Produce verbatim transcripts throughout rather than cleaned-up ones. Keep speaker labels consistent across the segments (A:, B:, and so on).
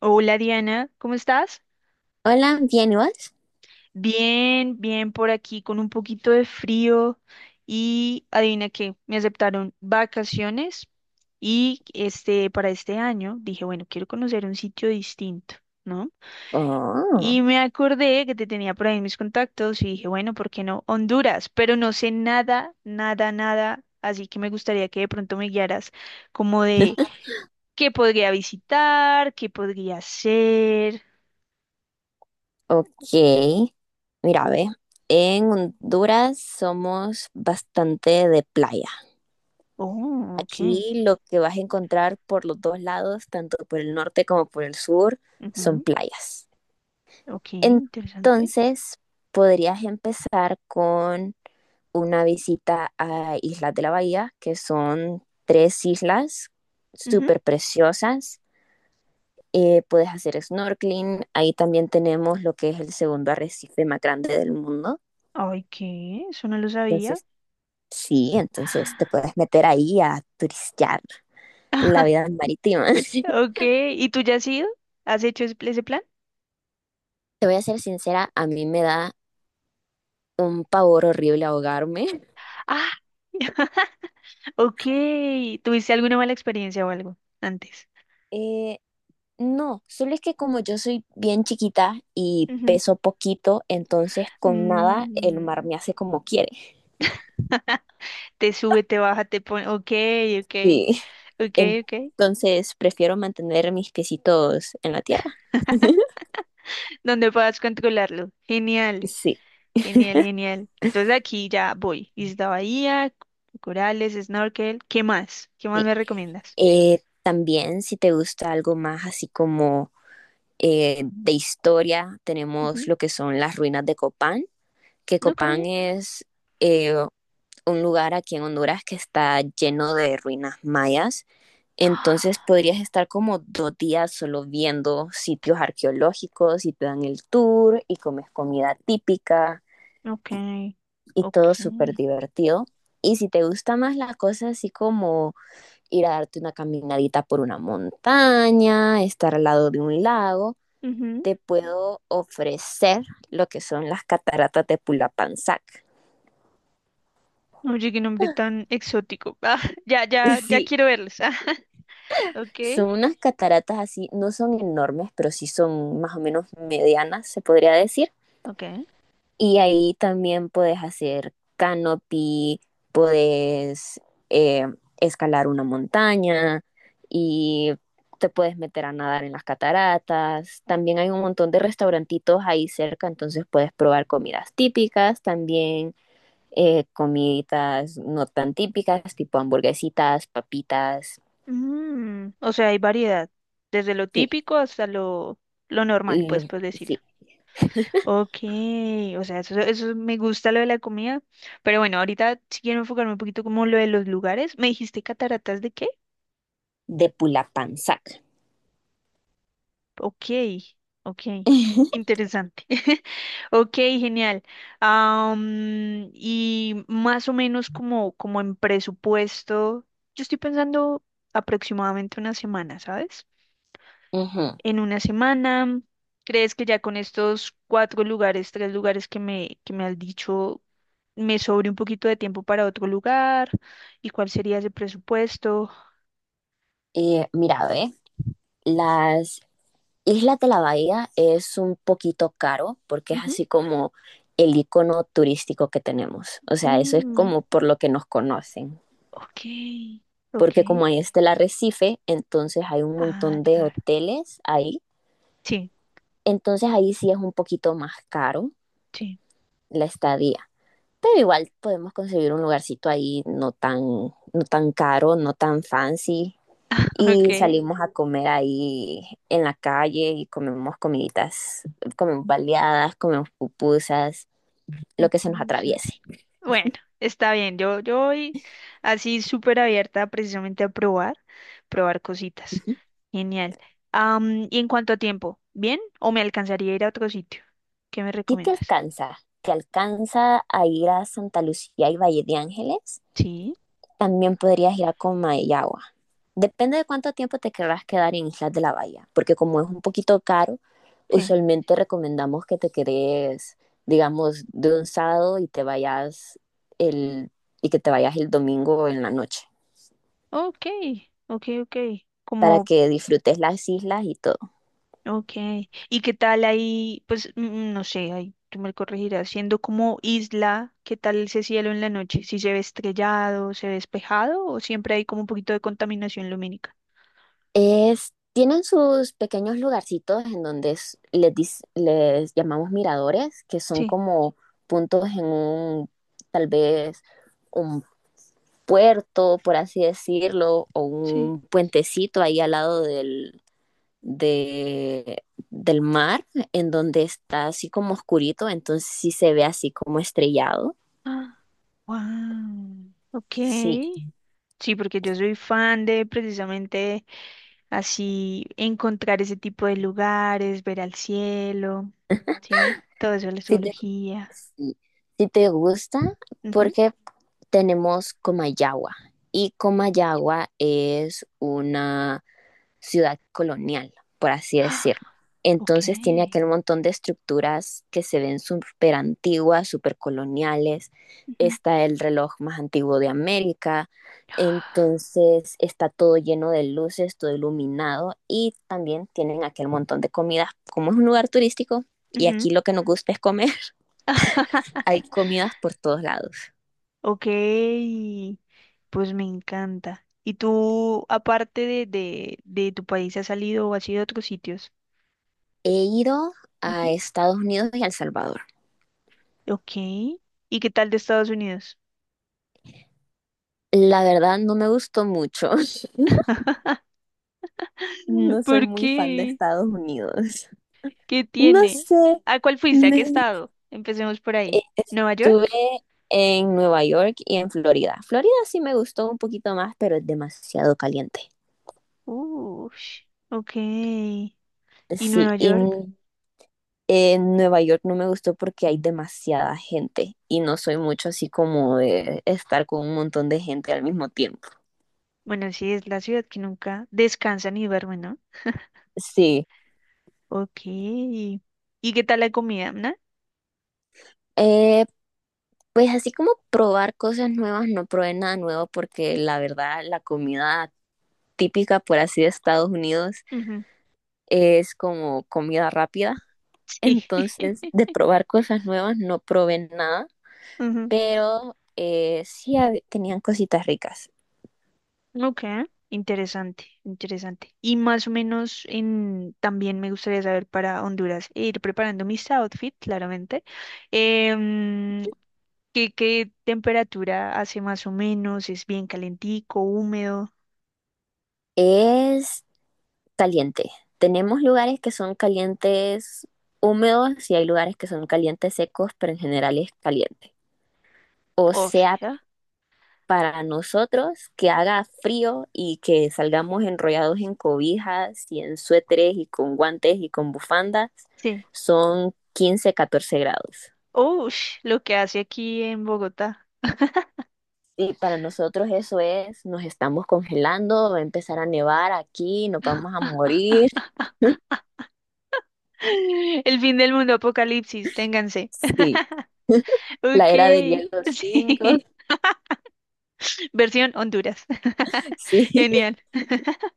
A: Hola, Diana, ¿cómo estás?
B: Hola, ¿bien y vos?
A: Bien, bien por aquí con un poquito de frío y adivina qué, me aceptaron vacaciones y este para este año dije, bueno, quiero conocer un sitio distinto, ¿no?
B: Oh,
A: Y me acordé que te tenía por ahí mis contactos y dije, bueno, ¿por qué no Honduras? Pero no sé nada, nada, nada, así que me gustaría que de pronto me guiaras como de qué podría visitar, qué podría hacer.
B: ok. Mira, ve, en Honduras somos bastante de playa.
A: Oh, ok.
B: Aquí lo que vas a encontrar por los dos lados, tanto por el norte como por el sur, son playas.
A: Ok, interesante.
B: Entonces, podrías empezar con una visita a Islas de la Bahía, que son tres islas
A: Ujú.
B: súper preciosas. Eh, puedes hacer snorkeling, ahí también tenemos lo que es el segundo arrecife más grande del mundo.
A: Ay, ¿qué? Eso no lo sabía.
B: Entonces, sí, entonces te puedes meter ahí a turistear la vida marítima.
A: Ok, ¿y tú ya has ido? ¿Has hecho ese ese plan?
B: Te voy a ser sincera, a mí me da un pavor horrible ahogarme.
A: Ah, ok. ¿Tuviste alguna mala experiencia o algo antes?
B: Eh, no, solo es que como yo soy bien chiquita y
A: Ujú.
B: peso poquito, entonces con nada el mar
A: Mm,
B: me hace como quiere.
A: te sube, te baja, te pone. Ok, ok,
B: Sí.
A: ok, ok.
B: Entonces prefiero mantener mis piecitos en la tierra.
A: Donde puedas controlarlo. Genial,
B: Sí.
A: genial, genial. Entonces aquí ya voy. Isla Bahía, corales, snorkel. ¿Qué más? ¿Qué más
B: Sí.
A: me recomiendas?
B: Eh, también, si te gusta algo más así como eh, de historia, tenemos
A: Ujú.
B: lo que son las ruinas de Copán, que
A: Ok.
B: Copán es eh, un lugar aquí en Honduras que está lleno de ruinas mayas. Entonces podrías estar como dos días solo viendo sitios arqueológicos y te dan el tour y comes comida típica
A: Ok,
B: y todo
A: ok.
B: súper divertido. Y si te gusta más la cosa así como ir a darte una caminadita por una montaña, estar al lado de un lago,
A: Ujú.
B: te puedo ofrecer lo que son las cataratas de Pulapanzac.
A: Oye, qué nombre tan exótico. Ah, ya, ya, ya
B: Sí,
A: quiero verlos. Ok,
B: son unas cataratas así, no son enormes, pero sí son más o menos medianas, se podría decir.
A: ok.
B: Y ahí también puedes hacer canopy, puedes eh, escalar una montaña y te puedes meter a nadar en las cataratas. También hay un montón de restaurantitos ahí cerca, entonces puedes probar comidas típicas, también eh, comiditas no tan típicas, tipo hamburguesitas, papitas,
A: Mm, o sea, hay variedad, desde lo
B: sí,
A: típico hasta lo, lo normal, pues,
B: lo-
A: por decirlo.
B: sí,
A: Ok, o sea, eso, eso me gusta lo de la comida. Pero bueno, ahorita si quiero enfocarme un poquito como lo de los lugares. ¿Me dijiste cataratas de qué?
B: de Pulapanzac.
A: Ok, ok. Interesante. Ok, genial. Am, y más o menos como, como en presupuesto, yo estoy pensando aproximadamente una semana, ¿sabes?
B: Ujú.
A: En una semana, ¿crees que ya con estos cuatro lugares, tres lugares que me, que me has dicho, me sobre un poquito de tiempo para otro lugar? ¿Y cuál sería ese presupuesto?
B: Eh, mira, ve, las Isla de la Bahía es un poquito caro porque es
A: Ujú.
B: así como el icono turístico que tenemos. O sea, eso es
A: Mm,
B: como por lo que nos conocen.
A: ok, ok.
B: Porque como ahí está el arrecife, entonces hay un
A: Ah,
B: montón de
A: claro.
B: hoteles ahí.
A: Sí,
B: Entonces ahí sí es un poquito más caro
A: sí.
B: la estadía. Pero igual podemos conseguir un lugarcito ahí no tan, no tan caro, no tan fancy. Y
A: Ok.
B: salimos a comer ahí en la calle y comemos comiditas, comemos baleadas, comemos pupusas, lo que se nos
A: Pupusas.
B: atraviese.
A: Bueno, está bien. Yo, yo voy así súper abierta precisamente a probar, probar cositas.
B: Ujú.
A: Genial. Am, y en cuanto a tiempo, ¿bien? ¿O me alcanzaría a ir a otro sitio? ¿Qué me
B: Si te
A: recomiendas?
B: alcanza, te alcanza a ir a Santa Lucía y Valle de Ángeles,
A: Sí,
B: también podrías ir a Comayagua. Depende de cuánto tiempo te querrás quedar en Islas de la Bahía, porque como es un poquito caro,
A: sí.
B: usualmente recomendamos que te quedes, digamos, de un sábado y te vayas el, y que te vayas el domingo en la noche.
A: Ok, ok, ok.
B: Para
A: Como,
B: que disfrutes las islas y todo.
A: ok. ¿Y qué tal ahí? Pues mm, no sé, ahí tú me corregirás. Siendo como isla, ¿qué tal ese cielo en la noche? ¿Si se ve estrellado, se ve despejado o siempre hay como un poquito de contaminación lumínica?
B: Es, tienen sus pequeños lugarcitos en donde es- les, dis- les llamamos miradores, que son como puntos en un, tal vez, un puerto, por así decirlo, o
A: Sí.
B: un puentecito ahí al lado del, de- del mar, en donde está así como oscurito, entonces sí se ve así como estrellado.
A: Ah, wow,
B: Sí,
A: ok. Sí, porque yo soy fan de precisamente así encontrar ese tipo de lugares, ver al cielo, ¿sí? Todo eso, la
B: sí te,
A: zoología.
B: sí, sí te gusta,
A: Ujú.
B: porque tenemos Comayagua y Comayagua es una ciudad colonial, por así decirlo.
A: Ah, ok,
B: Entonces tiene aquel montón de estructuras que se ven súper antiguas, súper coloniales.
A: ujú.
B: Está el reloj más antiguo de América. Entonces está todo lleno de luces, todo iluminado y también tienen aquel montón de comidas. Como es un lugar turístico y
A: Ujú,
B: aquí lo que nos gusta es comer, hay comidas por todos lados.
A: ok, pues me encanta. ¿Y tú, aparte de, de, de tu país, has salido o has ido a otros sitios?
B: He ido a
A: Ujú,
B: Estados Unidos y a El Salvador.
A: ok. ¿Y qué tal de Estados Unidos?
B: La verdad no me gustó mucho. No soy
A: ¿Por
B: muy fan de
A: qué?
B: Estados Unidos.
A: ¿Qué
B: No
A: tiene?
B: sé.
A: ¿A cuál fuiste? ¿A qué
B: me-
A: estado? Empecemos por ahí.
B: eh,
A: ¿Nueva
B: Estuve
A: York?
B: en Nueva York y en Florida. Florida sí me gustó un poquito más, pero es demasiado caliente.
A: Ush, ok. ¿Y
B: Sí,
A: Nueva
B: y
A: York?
B: n- en Nueva York no me gustó porque hay demasiada gente y no soy mucho así como de estar con un montón de gente al mismo tiempo.
A: Bueno, sí, es la ciudad que nunca descansa ni duerme, ¿no?
B: Sí.
A: Ok. ¿Y qué tal la comida, no?
B: Eh, Pues así como probar cosas nuevas, no probé nada nuevo porque la verdad la comida típica, por así de Estados Unidos,
A: Ujú,
B: es como comida rápida.
A: sí.
B: Entonces, de probar cosas nuevas, no probé nada,
A: Ujú,
B: pero eh, sí hab- tenían cositas ricas.
A: ok. Interesante, interesante. Y más o menos en, también me gustaría saber para Honduras, e ir preparando mis outfits, claramente. Em, ¿Qué, qué temperatura hace más o menos? ¿Es bien calentico, húmedo?
B: Es caliente. Tenemos lugares que son calientes húmedos y hay lugares que son calientes secos, pero en general es caliente. O
A: O
B: sea,
A: sea,
B: para nosotros que haga frío y que salgamos enrollados en cobijas y en suéteres y con guantes y con bufandas
A: sí.
B: son quince catorce grados.
A: Ush, lo que hace aquí en Bogotá.
B: Y para nosotros eso es, nos estamos congelando, va a empezar a nevar aquí, nos vamos a morir.
A: El fin del mundo, apocalipsis, ténganse.
B: Sí, la
A: Ok,
B: era del hielo cinco.
A: sí. Versión Honduras.
B: Sí.
A: Genial.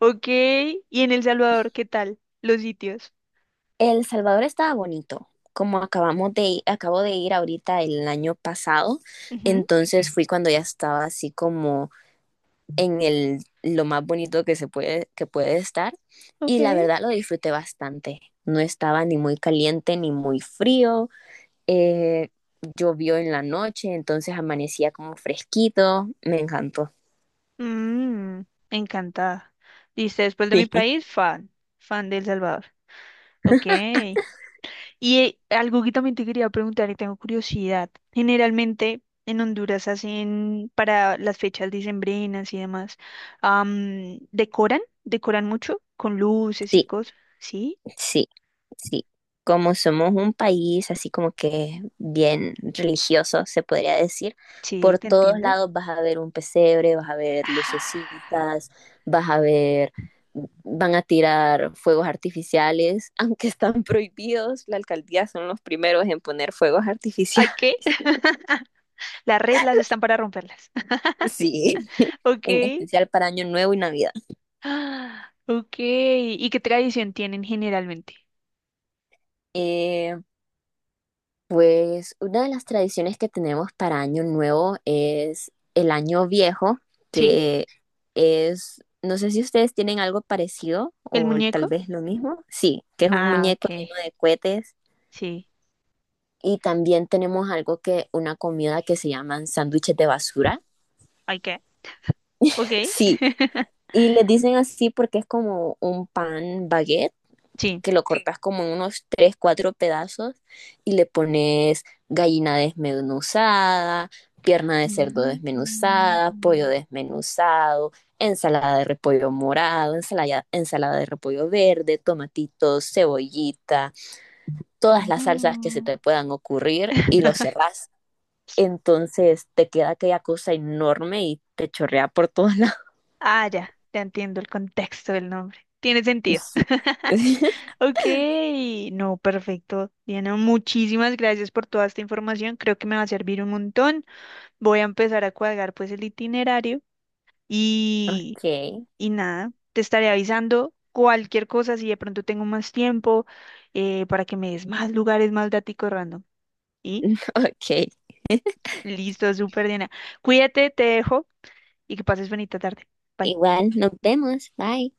A: Ok, y en El Salvador, ¿qué tal? Los sitios.
B: El Salvador estaba bonito, como acabamos de ir- acabo de ir ahorita el año pasado,
A: Ujú.
B: entonces fui cuando ya estaba así como en el, lo más bonito que se puede, que puede estar. Y la
A: Okay.
B: verdad lo disfruté bastante. No estaba ni muy caliente ni muy frío. Eh, Llovió en la noche, entonces amanecía como fresquito. Me encantó.
A: Mm, encantada. Dice, después de mi
B: Sí.
A: país, fan, fan de El Salvador. Ok. Y eh, algo que también te quería preguntar y tengo curiosidad. Generalmente en Honduras hacen para las fechas decembrinas y demás, am, decoran, decoran mucho con luces y
B: Sí.
A: cosas. Sí,
B: Sí, sí. Como somos un país así como que bien religioso, se podría decir,
A: sí,
B: por
A: te
B: todos
A: entiendo.
B: lados vas a ver un pesebre, vas a ver
A: Ah,
B: lucecitas, vas a ver, van a tirar fuegos artificiales, aunque están prohibidos, la alcaldía son los primeros en poner fuegos
A: ¿ay
B: artificiales.
A: qué? Las reglas están para romperlas.
B: Sí,
A: Ok.
B: en especial para Año Nuevo y Navidad.
A: Ah, ok. ¿Y qué tradición tienen generalmente?
B: Eh, Pues una de las tradiciones que tenemos para Año Nuevo es el Año Viejo,
A: Sí.
B: que es, no sé si ustedes tienen algo parecido
A: ¿El
B: o tal
A: muñeco?
B: vez lo mismo. Sí, que es un
A: Ah,
B: muñeco lleno
A: ok.
B: de cohetes.
A: Sí.
B: Y también tenemos algo que, una comida que se llaman sándwiches de basura.
A: ¿Ay qué? Ok.
B: Sí, y les dicen así porque es como un pan baguette
A: Sí.
B: que lo cortas como en unos tres, cuatro pedazos y le pones gallina desmenuzada, pierna de cerdo
A: Mm,
B: desmenuzada, pollo desmenuzado, ensalada de repollo morado, ensalada, ensalada de repollo verde, tomatitos, cebollita, todas las salsas que se
A: oh.
B: te puedan ocurrir y lo cerrás. Entonces te queda aquella cosa enorme y te chorrea por todos lados.
A: Ah, ya, ya entiendo el contexto del nombre. Tiene sentido.
B: Sí.
A: Ok, no, perfecto. Diana, muchísimas gracias por toda esta información. Creo que me va a servir un montón. Voy a empezar a cuadrar pues el itinerario
B: Ok,
A: y, y nada, te estaré avisando cualquier cosa si de pronto tengo más tiempo eh, para que me des más lugares, más daticos random. Y
B: ok.
A: listo, súper Diana. Cuídate, te dejo y que pases bonita tarde. Bye.
B: Igual, nos vemos. Bye.